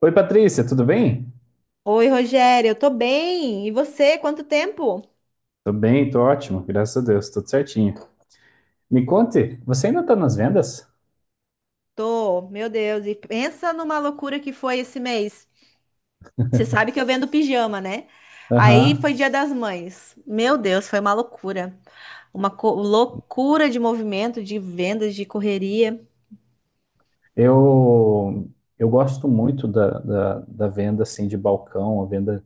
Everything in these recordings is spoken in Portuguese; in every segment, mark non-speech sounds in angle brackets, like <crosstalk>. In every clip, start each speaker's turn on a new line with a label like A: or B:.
A: Oi, Patrícia, tudo bem?
B: Oi, Rogério, eu tô bem. E você, quanto tempo?
A: Tô bem, tô ótimo, graças a Deus, tudo certinho. Me conte, você ainda tá nas vendas?
B: Tô, meu Deus, e pensa numa loucura que foi esse mês. Você sabe que eu vendo pijama, né? Aí
A: Aham.
B: foi Dia das Mães. Meu Deus, foi uma loucura. Uma loucura de movimento, de vendas, de correria.
A: Eu, eu gosto muito da venda assim de balcão, a venda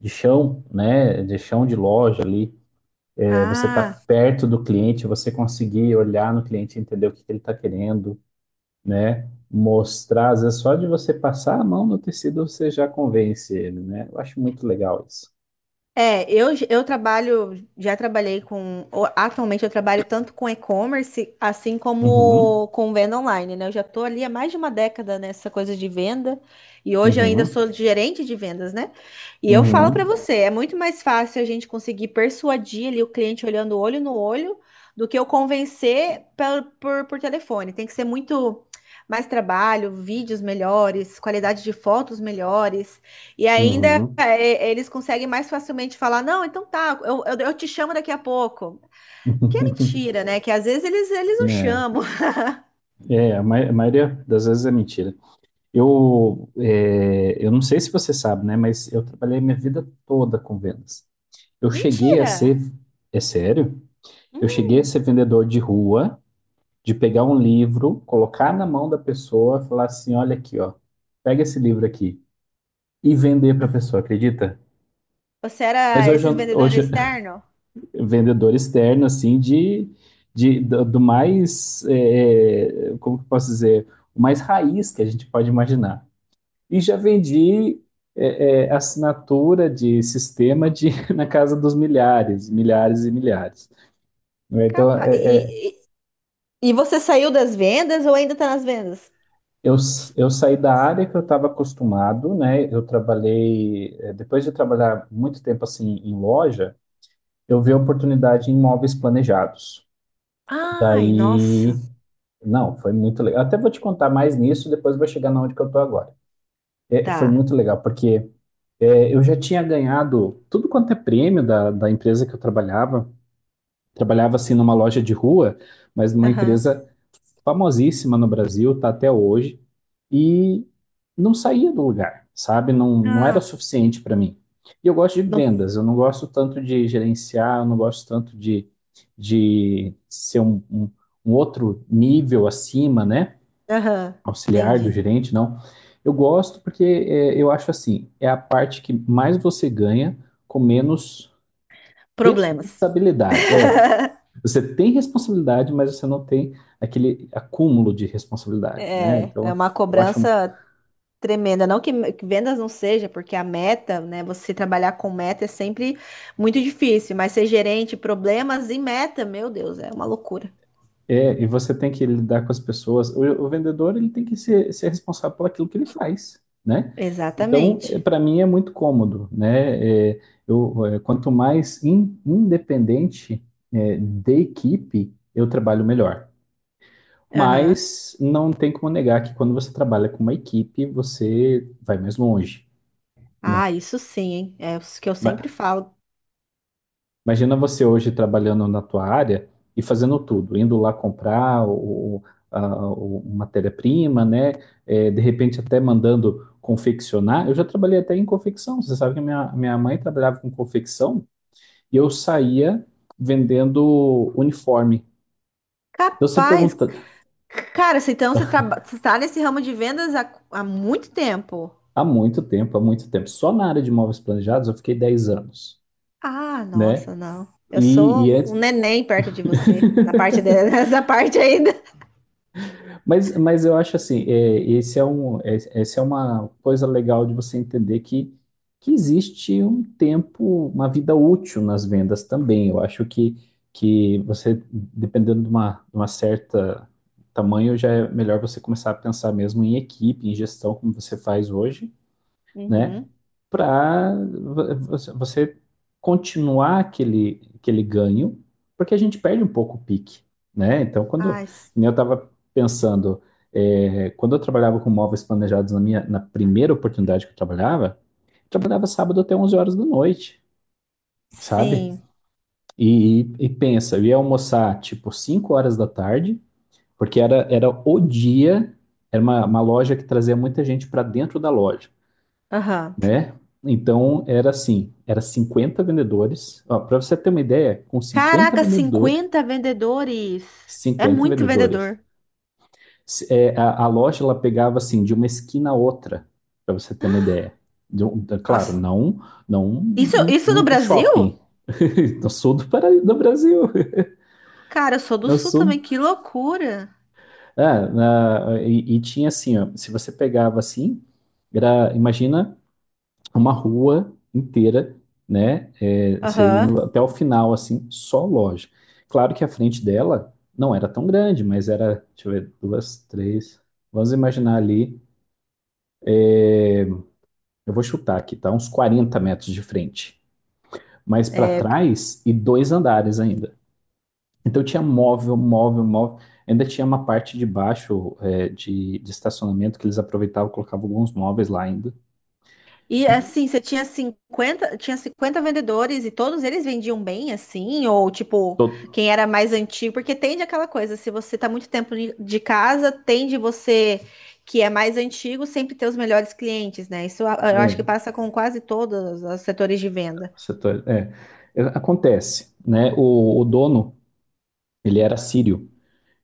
A: de chão, né? De chão de loja ali. É, você tá
B: Ah,
A: perto do cliente, você conseguir olhar no cliente, entender o que que ele tá querendo, né? Mostrar, às vezes só de você passar a mão no tecido, você já convence ele, né? Eu acho muito legal isso.
B: é, eu trabalho, já trabalhei com, atualmente eu trabalho tanto com e-commerce, assim
A: Uhum,
B: como com venda online, né? Eu já tô ali há mais de uma década nessa coisa de venda e hoje eu ainda
A: uhum,
B: sou gerente de vendas, né? E eu falo pra
A: uhum.
B: você, é muito mais fácil a gente conseguir persuadir ali o cliente olhando olho no olho do que eu convencer por telefone. Tem que ser muito mais trabalho, vídeos melhores, qualidade de fotos melhores. E ainda
A: Uhum.
B: é, eles conseguem mais facilmente falar: não, então tá, eu te chamo daqui a pouco. Que é
A: <laughs>
B: mentira, né? Que às vezes eles não
A: É,
B: chamam. <laughs>
A: é, a a maioria das vezes é mentira. Eu não sei se você sabe, né? Mas eu trabalhei minha vida toda com vendas. Eu cheguei a ser,
B: Mentira!
A: é sério? Eu cheguei a
B: Hum,
A: ser vendedor de rua, de pegar um livro, colocar na mão da pessoa, falar assim, olha aqui, ó, pega esse livro aqui e vender para a pessoa, acredita?
B: você
A: Mas
B: era
A: hoje,
B: esses
A: hoje,
B: vendedores externos?
A: vendedor externo, assim, do mais, como que eu posso dizer, o mais raiz que a gente pode imaginar. E já vendi assinatura de sistema de, <laughs> na casa dos milhares, milhares e milhares, né? Então,
B: Capa.
A: é, é,
B: E você saiu das vendas ou ainda tá nas vendas?
A: eu, eu saí da área que eu estava acostumado, né? Eu trabalhei, depois de trabalhar muito tempo assim em loja, eu vi a oportunidade em imóveis planejados.
B: Ai,
A: Daí
B: nossa.
A: Não, foi muito legal. Até vou te contar mais nisso, depois vou chegar na onde que eu tô agora. Foi
B: Tá.
A: muito legal, porque eu já tinha ganhado tudo quanto é prêmio da empresa que eu trabalhava. Trabalhava assim numa loja de rua, mas numa
B: Aham.
A: empresa famosíssima no Brasil, tá até hoje, e não saía do lugar, sabe? Não, não era
B: Ah,
A: suficiente para mim. E eu gosto de
B: não.
A: vendas, eu não gosto tanto de gerenciar, eu não gosto tanto de ser um outro nível acima, né?
B: Aham,
A: Auxiliar do
B: entendi.
A: gerente, não. Eu gosto porque eu acho assim, é a parte que mais você ganha com menos
B: Problemas.
A: responsabilidade. É,
B: <laughs>
A: você tem responsabilidade, mas você não tem aquele acúmulo de responsabilidade, né?
B: É, é
A: Então,
B: uma
A: eu acho.
B: cobrança tremenda, não que que vendas não seja, porque a meta, né? Você trabalhar com meta é sempre muito difícil, mas ser gerente, problemas e meta, meu Deus, é uma loucura.
A: É, e você tem que lidar com as pessoas. O vendedor ele tem que ser responsável por aquilo que ele faz, né? Então,
B: Exatamente.
A: para mim é muito cômodo, né? Quanto mais independente da equipe eu trabalho melhor.
B: Aham.
A: Mas não tem como negar que quando você trabalha com uma equipe você vai mais longe, né?
B: Ah, isso sim, hein? É o que eu sempre falo.
A: Imagina você hoje trabalhando na tua área e fazendo tudo, indo lá comprar matéria-prima, né? De repente até mandando confeccionar. Eu já trabalhei até em confecção. Você sabe que minha mãe trabalhava com confecção e eu saía vendendo uniforme. Então você
B: Capaz,
A: pergunta,
B: cara, se então você você está nesse ramo de vendas há muito tempo.
A: há muito tempo, há muito tempo. Só na área de móveis planejados eu fiquei 10 anos,
B: Ah,
A: né?
B: nossa, não. Eu
A: E,
B: sou
A: e
B: um
A: antes.
B: neném perto de você, na parte
A: <laughs>
B: de- <laughs> nessa parte ainda.
A: Mas eu acho assim, é, esse é um, é, essa é uma coisa legal de você entender que existe um tempo, uma vida útil nas vendas também. Eu acho que você, dependendo de uma certa tamanho, já é melhor você começar a pensar mesmo em equipe, em gestão, como você faz hoje, né?
B: Uhum.
A: Para você continuar aquele ganho, porque a gente perde um pouco o pique, né? Então, quando
B: Ai, s-
A: que nem eu estava pensando, quando eu trabalhava com móveis planejados na primeira oportunidade que eu trabalhava sábado até 11 horas da noite, sabe?
B: sim.
A: E pensa, eu ia almoçar tipo 5 horas da tarde, porque era o dia, era uma loja que trazia muita gente para dentro da loja,
B: Aham.
A: né? Então era assim, era 50 vendedores. Para você ter uma ideia, com 50
B: Caraca,
A: vendedores,
B: 50 vendedores. É
A: 50
B: muito
A: vendedores,
B: vendedor.
A: a loja ela pegava assim de uma esquina a outra, para você ter uma ideia. Claro,
B: Nossa,
A: não, não
B: isso,
A: um,
B: isso no
A: um
B: Brasil?
A: shopping. <laughs> No sul do Brasil,
B: Cara, eu sou do
A: no
B: Sul
A: sul.
B: também, que loucura.
A: E tinha assim, ó, se você pegava assim, imagina uma rua inteira, né? É, você
B: Aham.
A: indo até o final, assim, só loja. Claro que a frente dela não era tão grande, mas era, deixa eu ver, duas, três. Vamos imaginar ali, eu vou chutar aqui, tá? Uns 40 metros de frente. Mas para
B: É,
A: trás e dois andares ainda. Então tinha móvel, móvel, móvel. Ainda tinha uma parte de baixo, de estacionamento que eles aproveitavam, colocavam alguns móveis lá ainda.
B: e
A: E
B: assim, você tinha 50, tinha 50 vendedores e todos eles vendiam bem, assim, ou tipo,
A: to-
B: quem era mais antigo, porque tende aquela coisa, se você tá muito tempo de casa, tende você que é mais antigo sempre ter os melhores clientes, né? Eu acho que
A: é,
B: passa com quase todos os setores de venda.
A: Setores, é. É, acontece, né? O dono, ele era sírio.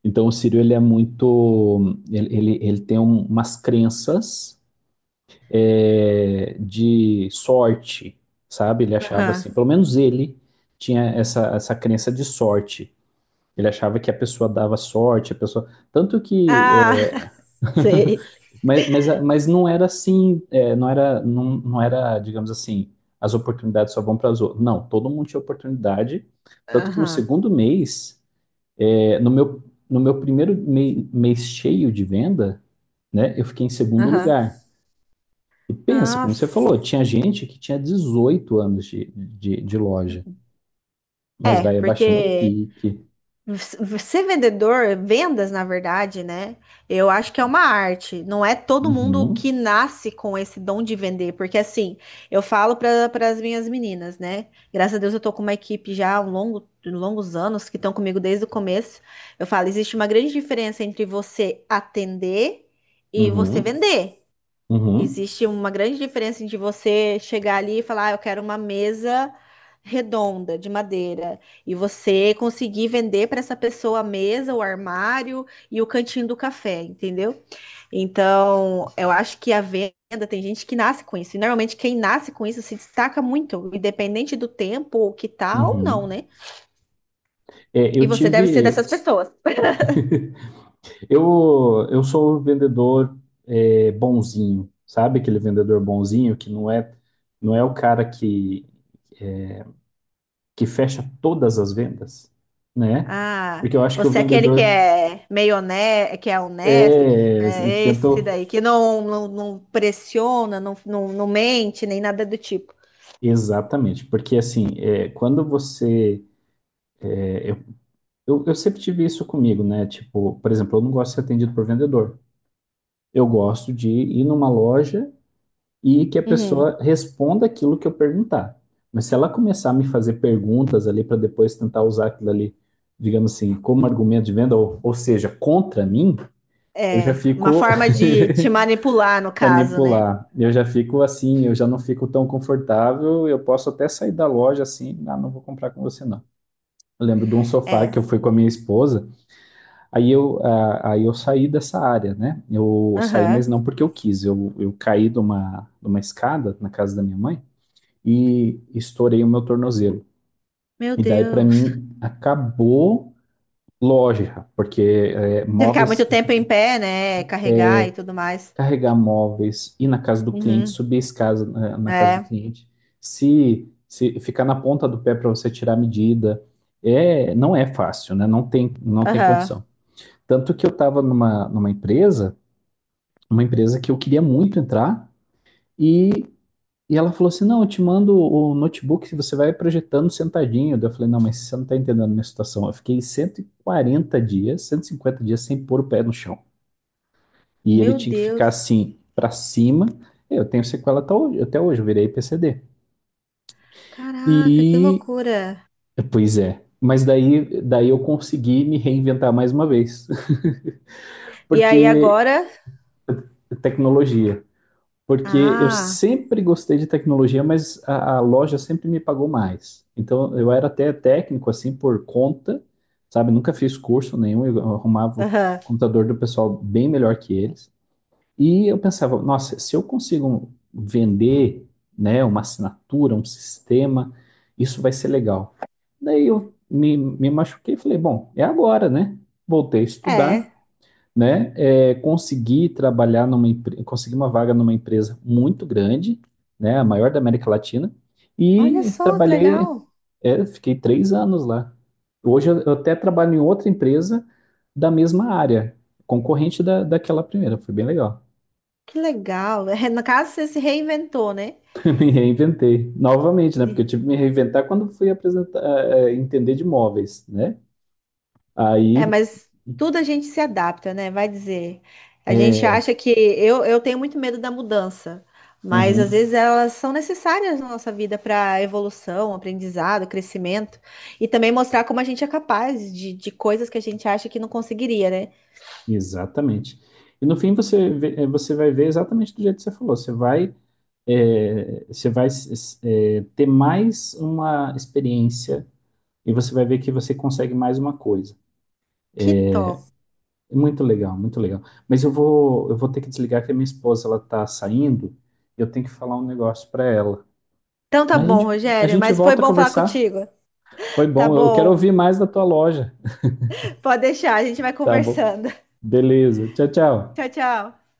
A: Então, o sírio, ele é muito... Ele tem umas crenças, de sorte, sabe? Ele achava
B: Aham.
A: assim, pelo menos ele tinha essa crença de sorte. Ele achava que a pessoa dava sorte, a pessoa... Tanto que
B: Ah,
A: é.
B: <laughs> sei.
A: Mas não era assim, não era, não, não era, digamos assim, as oportunidades só vão para as outras. Não, todo mundo tinha oportunidade. Tanto que no
B: Aham,
A: segundo mês, é, no meu, no meu primeiro mês cheio de venda, né, eu fiquei em segundo
B: aham.
A: lugar. E pensa, como você falou,
B: Nossa.
A: tinha gente que tinha 18 anos de loja, mas
B: É,
A: vai abaixando o
B: porque
A: pique.
B: ser vendedor, vendas, na verdade, né? Eu acho que é uma arte. Não é todo mundo que
A: Uhum,
B: nasce com esse dom de vender, porque assim, eu falo para as minhas meninas, né? Graças a Deus eu tô com uma equipe já há um longo, longos anos que estão comigo desde o começo. Eu falo, existe uma grande diferença entre você atender e você
A: uhum,
B: vender.
A: uhum,
B: Existe uma grande diferença de você chegar ali e falar, ah, eu quero uma mesa redonda de madeira e você conseguir vender para essa pessoa a mesa, o armário e o cantinho do café, entendeu? Então, eu acho que a venda tem gente que nasce com isso. E normalmente quem nasce com isso se destaca muito, independente do tempo, o que tá ou não,
A: uhum.
B: né?
A: É,
B: E
A: eu
B: você deve ser dessas
A: tive,
B: pessoas.
A: eu sou o vendedor, bonzinho, sabe? Aquele vendedor bonzinho que não é o cara que fecha todas as vendas, né?
B: Ah,
A: Porque eu acho que o
B: você é aquele que
A: vendedor
B: é meio honesto, que
A: é,
B: é esse
A: tentou.
B: daí, que não pressiona, não mente, nem nada do tipo.
A: Exatamente, porque assim, quando você. é, eu, eu sempre tive isso comigo, né? Tipo, por exemplo, eu não gosto de ser atendido por vendedor. Eu gosto de ir numa loja e que a
B: Uhum.
A: pessoa responda aquilo que eu perguntar. Mas se ela começar a me fazer perguntas ali para depois tentar usar aquilo ali, digamos assim, como argumento de venda, ou seja, contra mim, eu já
B: É, uma
A: fico
B: forma de te manipular, no
A: <laughs>
B: caso, né?
A: manipular. Eu já fico assim, eu já não fico tão confortável, eu posso até sair da loja assim, ah, não vou comprar com você não. Eu lembro de um sofá que eu
B: É.
A: fui com a minha esposa, aí eu saí dessa área, né? Eu saí,
B: Aham.
A: mas não porque eu quis, eu caí de uma escada na casa da minha mãe, e estourei o meu tornozelo.
B: Meu
A: E daí, para
B: Deus.
A: mim, acabou loja, porque
B: Se ficar muito
A: móveis,
B: tempo em pé, né? Carregar e tudo mais.
A: carregar móveis, ir na casa do cliente,
B: Uhum.
A: subir a escada na casa do
B: É.
A: cliente, se ficar na ponta do pé para você tirar a medida, não é fácil, né? Não tem, não tem
B: Aham.
A: condição. Tanto que eu estava numa empresa, uma empresa que eu queria muito entrar, e e ela falou assim: não, eu te mando o notebook, que você vai projetando sentadinho. Daí eu falei: não, mas você não está entendendo a minha situação. Eu fiquei 140 dias, 150 dias sem pôr o pé no chão. E ele
B: Meu
A: tinha que ficar
B: Deus.
A: assim, para cima. Eu tenho sequela até hoje, eu virei PCD.
B: Caraca, que
A: E,
B: loucura.
A: Pois é. Mas daí eu consegui me reinventar mais uma vez, <laughs>
B: E aí
A: porque
B: agora?
A: tecnologia. Porque eu
B: Ah.
A: sempre gostei de tecnologia, mas a loja sempre me pagou mais. Então eu era até técnico assim por conta, sabe? Nunca fiz curso nenhum, eu arrumava o
B: Aham.
A: computador do pessoal bem melhor que eles. E eu pensava, nossa, se eu consigo vender, né, uma assinatura, um sistema, isso vai ser legal. Daí eu me machuquei e falei, bom, é agora, né? Voltei a estudar,
B: É.
A: né? Conseguir uma vaga numa empresa muito grande, né? A maior da América Latina.
B: Olha
A: E
B: só que legal.
A: fiquei 3 anos lá. Hoje eu até trabalho em outra empresa da mesma área, concorrente daquela primeira. Foi bem legal.
B: Que legal. <laughs> É, no caso, você se reinventou, né?
A: <laughs> Me reinventei novamente, né? Porque eu tive que me reinventar quando fui entender de imóveis, né?
B: É,
A: Aí,
B: mas tudo a gente se adapta, né? Vai dizer. A gente
A: é,
B: acha que eu tenho muito medo da mudança, mas às
A: uhum.
B: vezes elas são necessárias na nossa vida para evolução, aprendizado, crescimento e também mostrar como a gente é capaz de coisas que a gente acha que não conseguiria, né?
A: Exatamente. E no fim você vai ver exatamente do jeito que você falou. Você vai ter mais uma experiência e você vai ver que você consegue mais uma coisa.
B: Que top.
A: É, muito legal, muito legal. Mas eu vou ter que desligar que a minha esposa ela tá saindo e eu tenho que falar um negócio para ela.
B: Então tá
A: Mas a
B: bom,
A: gente, a
B: Rogério,
A: gente
B: mas foi
A: volta a
B: bom falar
A: conversar.
B: contigo.
A: Foi
B: Tá
A: bom. Eu quero
B: bom.
A: ouvir mais da tua loja.
B: Pode deixar, a gente vai
A: Tá bom.
B: conversando.
A: Beleza. Tchau,
B: <laughs>
A: tchau.
B: Tchau, tchau.